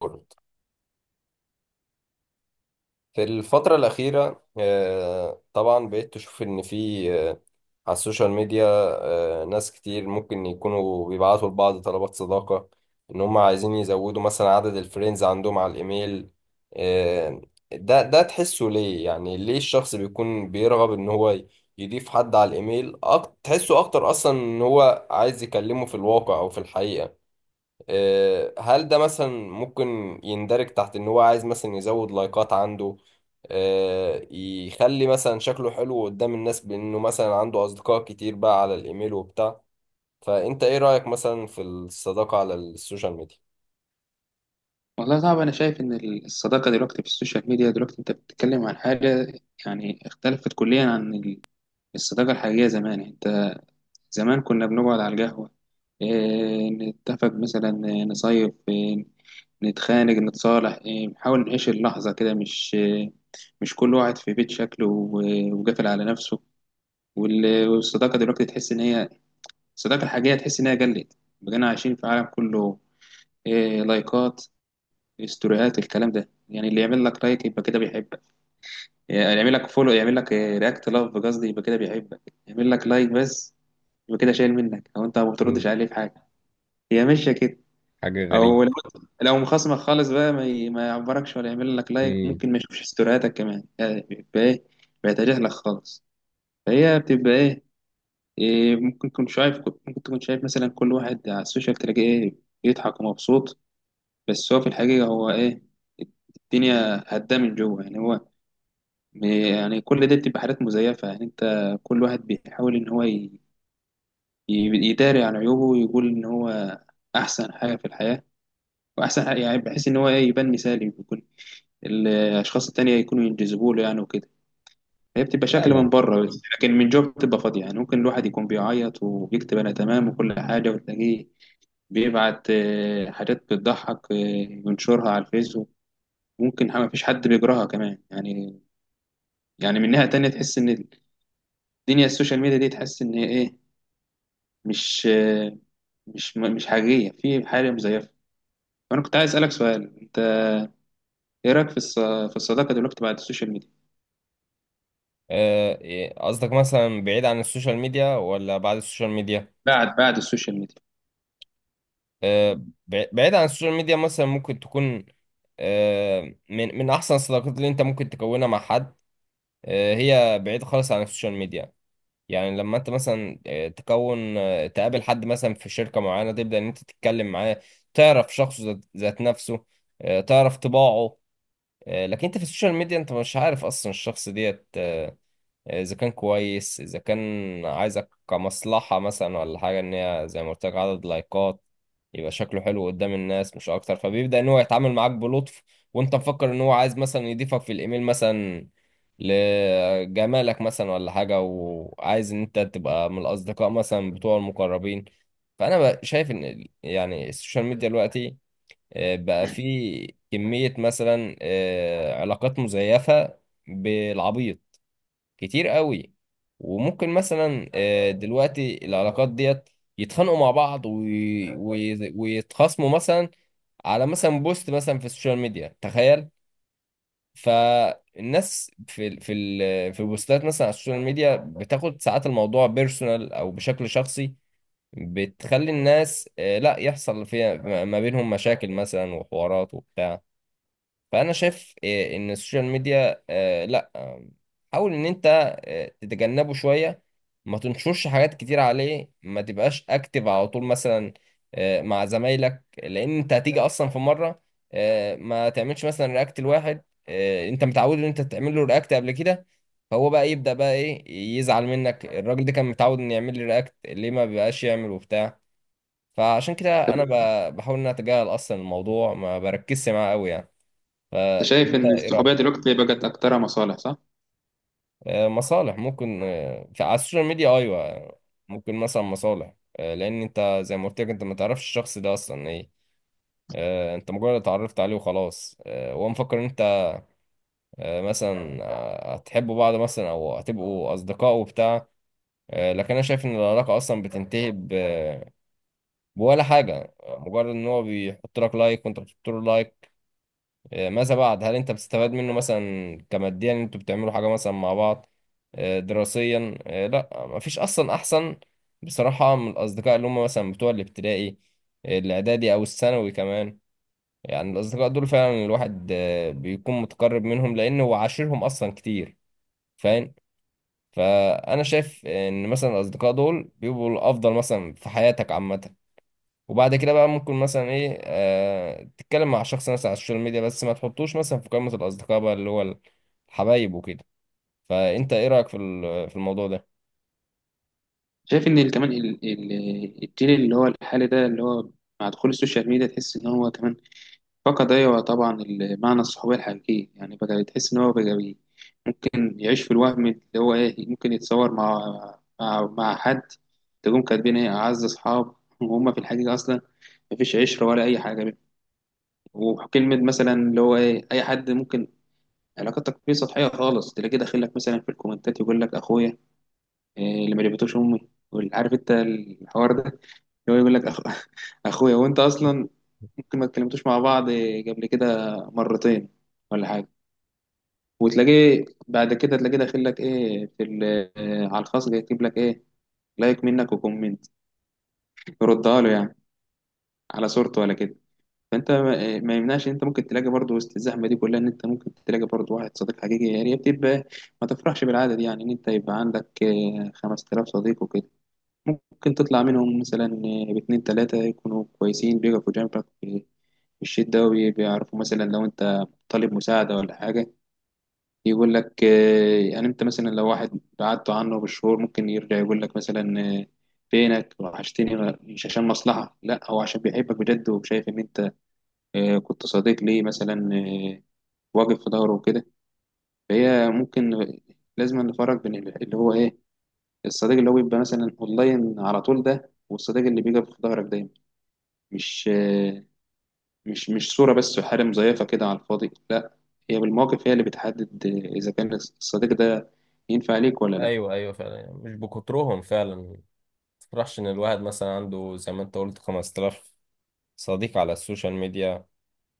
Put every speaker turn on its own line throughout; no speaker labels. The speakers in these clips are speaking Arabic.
كله في الفترة الأخيرة، طبعا بقيت تشوف إن في على السوشيال ميديا، ناس كتير ممكن يكونوا بيبعتوا لبعض طلبات صداقة، إن هم عايزين يزودوا مثلا عدد الفريندز عندهم على الإيميل. آه، ده تحسه ليه؟ يعني ليه الشخص بيكون بيرغب إن هو يضيف حد على الإيميل؟ تحسه أكتر أصلا إن هو عايز يكلمه في الواقع أو في الحقيقة. هل ده مثلا ممكن يندرج تحت ان هو عايز مثلا يزود لايكات عنده؟ يخلي مثلا شكله حلو قدام الناس بانه مثلا عنده اصدقاء كتير بقى على الايميل وبتاع. فانت ايه رأيك مثلا في الصداقة على السوشيال ميديا؟
والله صعب. أنا شايف إن الصداقة دلوقتي في السوشيال ميديا دلوقتي أنت بتتكلم عن حاجة يعني اختلفت كليا عن الصداقة الحقيقية زمان. يعني أنت زمان كنا بنقعد على القهوة، إيه نتفق مثلا، إيه، نصيف، إيه نتخانق نتصالح، إيه نحاول نعيش اللحظة كده، مش إيه مش كل واحد في بيت شكله وقافل على نفسه. والصداقة دلوقتي تحس إن هي الصداقة الحقيقية تحس إن هي قلت، بقينا عايشين في عالم كله إيه، لايكات، استوريات، الكلام ده يعني اللي يعمل لك لايك يبقى كده بيحبك، يعني يعمل لك فولو يعمل لك رياكت لاف قصدي يبقى كده بيحبك، يعمل لك لايك بس يبقى كده شايل منك او انت ما بتردش عليه في حاجه، هي ماشيه كده. او لو لو مخصمك خالص بقى ما يعبركش ولا يعمل لك لايك،
امم.
ممكن ما يشوفش استورياتك كمان يعني بيبقى ايه، بيتجاهلك خالص. فهي بتبقى ايه، إيه، ممكن تكون شايف ممكن تكون شايف مثلا كل واحد على السوشيال تلاقيه ايه بيضحك ومبسوط، بس هو في الحقيقه هو ايه، الدنيا هدا من جوه يعني هو يعني كل ده بتبقى حاجات مزيفة. يعني انت كل واحد بيحاول ان هو يداري عن عيوبه ويقول ان هو احسن حاجة في الحياة، واحسن حاجة يعني بحيث ان هو ايه يبان مثالي، بيكون الاشخاص التانية يكونوا ينجذبوا له يعني وكده. هي بتبقى شكل من
فعلا.
بره بس لكن من جوه بتبقى فاضية، يعني ممكن الواحد يكون بيعيط وبيكتب انا تمام وكل حاجة وتلاقيه بيبعت حاجات بتضحك ينشرها على الفيسبوك، ممكن ما فيش حد بيقراها كمان يعني. يعني من ناحية تانية تحس ان الدنيا السوشيال ميديا دي تحس ان ايه مش حقيقية، في حاجة مزيفة. وأنا كنت عايز أسألك سؤال، أنت إيه رأيك في في الصداقة دلوقتي بعد السوشيال ميديا؟
إيه، قصدك مثلا بعيد عن السوشيال ميديا ولا بعد السوشيال ميديا؟
بعد السوشيال ميديا.
بعيد عن السوشيال ميديا مثلا ممكن تكون. آه، من احسن الصداقات اللي انت ممكن تكونها مع حد هي بعيد خالص عن السوشيال ميديا. يعني لما انت مثلا تكون تقابل حد مثلا في شركة معينة، تبدأ ان انت تتكلم معاه، تعرف شخصه، ذات نفسه، تعرف طباعه. لكن انت في السوشيال ميديا انت مش عارف اصلا الشخص ديت، اذا كان كويس، اذا كان عايزك كمصلحة مثلا ولا حاجة ان هي زي ما قلت لك عدد لايكات، يبقى شكله حلو قدام الناس مش اكتر، فبيبدأ ان هو يتعامل معاك بلطف، وانت مفكر ان هو عايز مثلا يضيفك في الايميل مثلا لجمالك مثلا ولا حاجة، وعايز ان انت تبقى من الاصدقاء مثلا بتوع المقربين. فانا بقى شايف ان يعني السوشيال ميديا دلوقتي بقى فيه كمية مثلا علاقات مزيفة بالعبيط، كتير قوي. وممكن مثلا دلوقتي العلاقات ديت يتخانقوا مع بعض ويتخاصموا مثلا على مثلا بوست مثلا في السوشيال ميديا، تخيل! فالناس في البوستات مثلا على السوشيال ميديا بتاخد ساعات الموضوع بيرسونال او بشكل شخصي، بتخلي الناس، لا يحصل فيها ما بينهم مشاكل مثلا وحوارات وبتاع. فانا شايف ان السوشيال ميديا لا، حاول ان انت تتجنبه شويه، ما تنشرش حاجات كتير عليه، ما تبقاش اكتف على طول مثلا مع زمايلك، لان انت هتيجي اصلا في مره ما تعملش مثلا رياكت لواحد انت متعود ان انت تعمل له رياكت قبل كده، فهو بقى يبدا بقى ايه، يزعل منك الراجل ده كان متعود ان يعمل لي رياكت، ليه ما بيبقاش يعمل وبتاع. فعشان كده انا بحاول ان أنا اتجاهل اصلا الموضوع، ما بركزش معاه قوي يعني.
أنت شايف
فانت
إن
ايه رايك؟
الصحوبية دلوقتي بقت أكترها مصالح صح؟
مصالح ممكن في على السوشيال ميديا، ايوه. ممكن مثلا مصالح لان انت زي ما قلت لك انت ما تعرفش الشخص ده اصلا ايه. انت مجرد اتعرفت عليه وخلاص، هو مفكر ان انت مثلا هتحبوا بعض مثلا او هتبقوا اصدقاء وبتاع. لكن انا شايف ان العلاقه اصلا بتنتهي بولا حاجه، مجرد ان هو بيحط لك لايك وانت بتحط له لايك. ماذا بعد؟ هل انت بتستفاد منه مثلا كماديا ان انتوا بتعملوا حاجه مثلا مع بعض؟ دراسيا؟ لا، مفيش اصلا. احسن بصراحه من الاصدقاء اللي هم مثلا بتوع الابتدائي، الاعدادي او الثانوي كمان. يعني الاصدقاء دول فعلا الواحد بيكون متقرب منهم لانه هو عاشرهم اصلا كتير، فاهم؟ فانا شايف ان مثلا الاصدقاء دول بيبقوا الافضل مثلا في حياتك عامه. وبعد كده بقى ممكن مثلا ايه تتكلم مع شخص مثلا على السوشيال ميديا، بس ما تحطوش مثلا في قائمة الأصدقاء بقى اللي هو الحبايب وكده. فأنت ايه رأيك في في الموضوع ده؟
شايف إن كمان الجيل اللي هو الحالي ده اللي هو مع دخول السوشيال ميديا تحس إن هو كمان فقد، أيوة طبعا، معنى الصحوبية الحقيقية. يعني بقى تحس إن هو بقى ممكن يعيش في الوهم اللي هو إيه، ممكن يتصور مع مع حد، تقوم كاتبين إيه أعز أصحاب وهم في الحقيقة أصلا مفيش عشرة ولا أي حاجة بينهم. وكلمة مثلا اللي هو إيه أي حد ممكن علاقتك فيه سطحية خالص تلاقيه داخل لك مثلا في الكومنتات يقول لك أخويا إيه اللي ما جابتوش أمي، عارف أنت الحوار ده اللي هو يقول لك أخويا، وأنت أصلا ممكن ما اتكلمتوش مع بعض قبل كده مرتين ولا حاجة. وتلاقيه بعد كده تلاقيه داخل لك ايه في على الخاص يكتب لك ايه لايك منك وكومنت يردها له، يعني على صورته ولا كده. فانت ما يمنعش إن انت ممكن تلاقي برضه وسط الزحمه دي كلها ان انت ممكن تلاقي برضه واحد صديق حقيقي، يعني هي بتبقى ما تفرحش بالعاده دي يعني ان انت يبقى عندك 5000 صديق وكده، ممكن تطلع منهم مثلا باتنين تلاته يكونوا كويسين بيقفوا جنبك في الشدة، وبيعرفوا مثلا لو انت طالب مساعدة ولا حاجة، يقول لك يعني انت مثلا لو واحد بعدت عنه بالشهور ممكن يرجع يقول لك مثلا فينك وحشتني، مش عشان مصلحة، لا هو عشان بيحبك بجد وشايف ان انت كنت صديق ليه مثلا واقف في ظهره وكده. فهي ممكن لازم نفرق بين اللي هو ايه الصديق اللي هو بيبقى مثلا اونلاين على طول ده والصديق اللي بيقف في ظهرك دايما، مش صورة بس وحاله مزيفة كده على الفاضي، لا. هي بالمواقف هي اللي بتحدد اذا كان الصديق ده ينفع ليك ولا لا.
ايوه، ايوه، فعلا، يعني مش بكترهم فعلا، ما تفرحش ان الواحد مثلا عنده زي ما انت قلت 5000 صديق على السوشيال ميديا.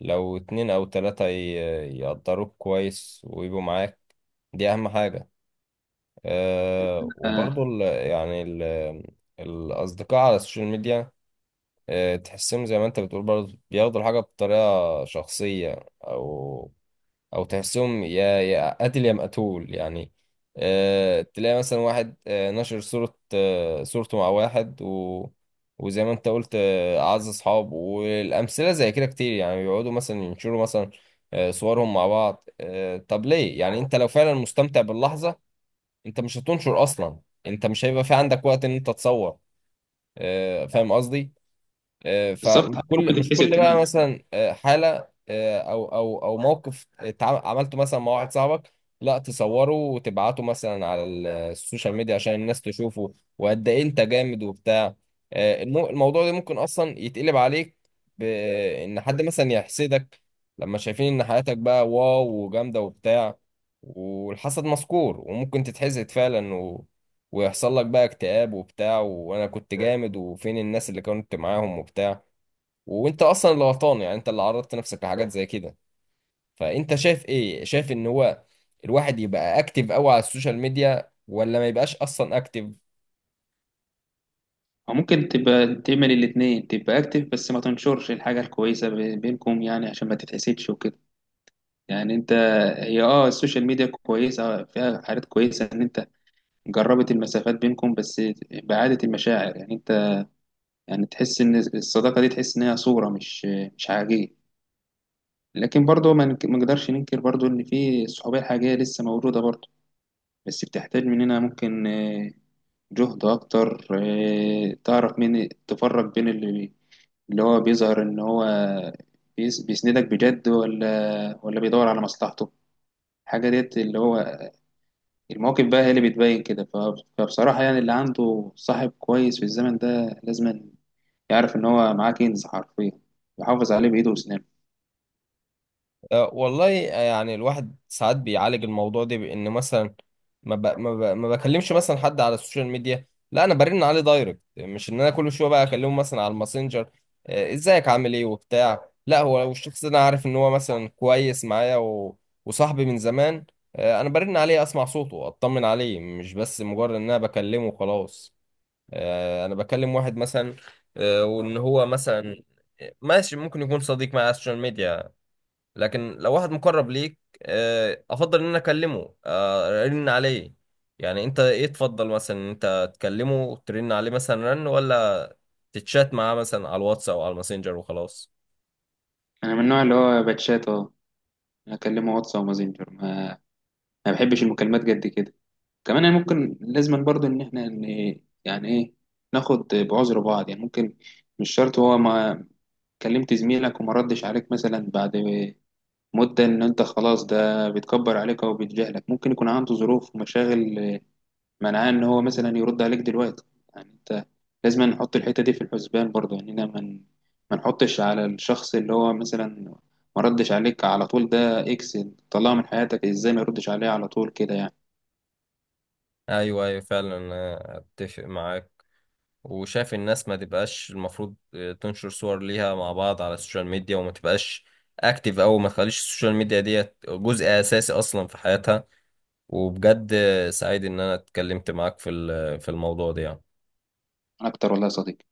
لو اتنين او تلاتة يقدروك كويس ويبقوا معاك، دي اهم حاجة. وبرضو
آه.
يعني الأصدقاء على السوشيال ميديا تحسهم زي ما انت بتقول برضه بياخدوا الحاجة بطريقة شخصية، او تحسهم يا قاتل يا مقتول يعني. تلاقي مثلا واحد نشر صورة صورته مع واحد، وزي ما انت قلت اعز اصحاب، والامثله زي كده كتير يعني، بيقعدوا مثلا ينشروا مثلا صورهم مع بعض. طب ليه؟ يعني انت لو فعلا مستمتع باللحظه انت مش هتنشر اصلا، انت مش هيبقى في عندك وقت ان انت تصور. فاهم قصدي؟
بالظبط، ممكن
مش كل
تتحسب
بقى
كمان.
مثلا حالة او موقف عملته مثلا مع واحد صاحبك، لا تصوره وتبعته مثلا على السوشيال ميديا عشان الناس تشوفه وقد ايه انت جامد وبتاع. الموضوع ده ممكن اصلا يتقلب عليك بان حد مثلا يحسدك لما شايفين ان حياتك بقى واو وجامدة وبتاع. والحسد مذكور وممكن تتحسد فعلا، ويحصل لك بقى اكتئاب وبتاع، وانا كنت جامد وفين الناس اللي كنت معاهم وبتاع، وانت اصلا اللي غلطان يعني، انت اللي عرضت نفسك لحاجات زي كده. فانت شايف ايه؟ شايف ان هو الواحد يبقى اكتف قوي على السوشيال ميديا ولا ما يبقاش اصلا اكتف؟
او ممكن تبقى تعمل الاثنين، تبقى اكتف بس ما تنشرش الحاجه الكويسه بينكم يعني عشان ما تتحسدش وكده. يعني انت هي اه السوشيال ميديا كويسه، فيها حاجات كويسه ان انت جربت المسافات بينكم، بس بعاده المشاعر. يعني انت يعني تحس ان الصداقه دي تحس ان هي صوره مش حقيقيه، لكن برضه ما نقدرش ننكر برضه ان في الصحوبيه الحقيقيه لسه موجوده برضه، بس بتحتاج مننا ممكن جهد أكتر. تعرف مين تفرق بين اللي هو بيظهر إن هو بيسندك بجد ولا بيدور على مصلحته. حاجة ديت اللي هو المواقف بقى هي اللي بتبين كده. فبصراحة يعني اللي عنده صاحب كويس في الزمن ده لازم يعرف إن هو معاه كنز حرفيا، يحافظ عليه بإيده وأسنانه.
والله يعني الواحد ساعات بيعالج الموضوع ده بان مثلا ما بكلمش مثلا حد على السوشيال ميديا، لا انا برن عليه دايركت، مش ان انا كل شويه بقى اكلمه مثلا على الماسنجر ازيك عامل ايه وبتاع. لا هو لو الشخص ده انا عارف ان هو مثلا كويس معايا وصاحبي من زمان، انا برن عليه اسمع صوته اطمن عليه، مش بس مجرد ان انا بكلمه وخلاص. انا بكلم واحد مثلا وان هو مثلا ماشي ممكن يكون صديق معايا على السوشيال ميديا، لكن لو واحد مقرب ليك افضل ان انا اكلمه ارن عليه. يعني انت ايه تفضل؟ مثلا انت تكلمه وترن عليه مثلا رن، ولا تتشات معاه مثلا على الواتس او على الماسنجر وخلاص؟
أنا من النوع اللي هو باتشات أه، أكلمه واتس أو ماسنجر، ما بحبش المكالمات جد كده. كمان يعني ممكن لازم برضو ان احنا يعني ايه، ناخد بعذر بعض. يعني ممكن مش شرط هو ما كلمت زميلك وما ردش عليك مثلا بعد مدة ان انت خلاص ده بيتكبر عليك او بيتجاهلك، ممكن يكون عنده ظروف ومشاغل منعاه ان هو مثلا يرد عليك دلوقتي. يعني انت لازم نحط الحتة دي في الحسبان برضو، يعني إننا ما نحطش على الشخص اللي هو مثلا ما ردش عليك على طول ده اكس، طلعه من حياتك. ازاي ما يردش عليه على طول كده يعني.
ايوه، ايوه، فعلا أنا اتفق معاك، وشايف الناس ما تبقاش المفروض تنشر صور ليها مع بعض على السوشيال ميديا، وما تبقاش اكتيف، او ما تخليش السوشيال ميديا ديت جزء اساسي اصلا في حياتها. وبجد سعيد ان انا اتكلمت معاك في في الموضوع ده يعني.
انا اكتر والله يا صديقي.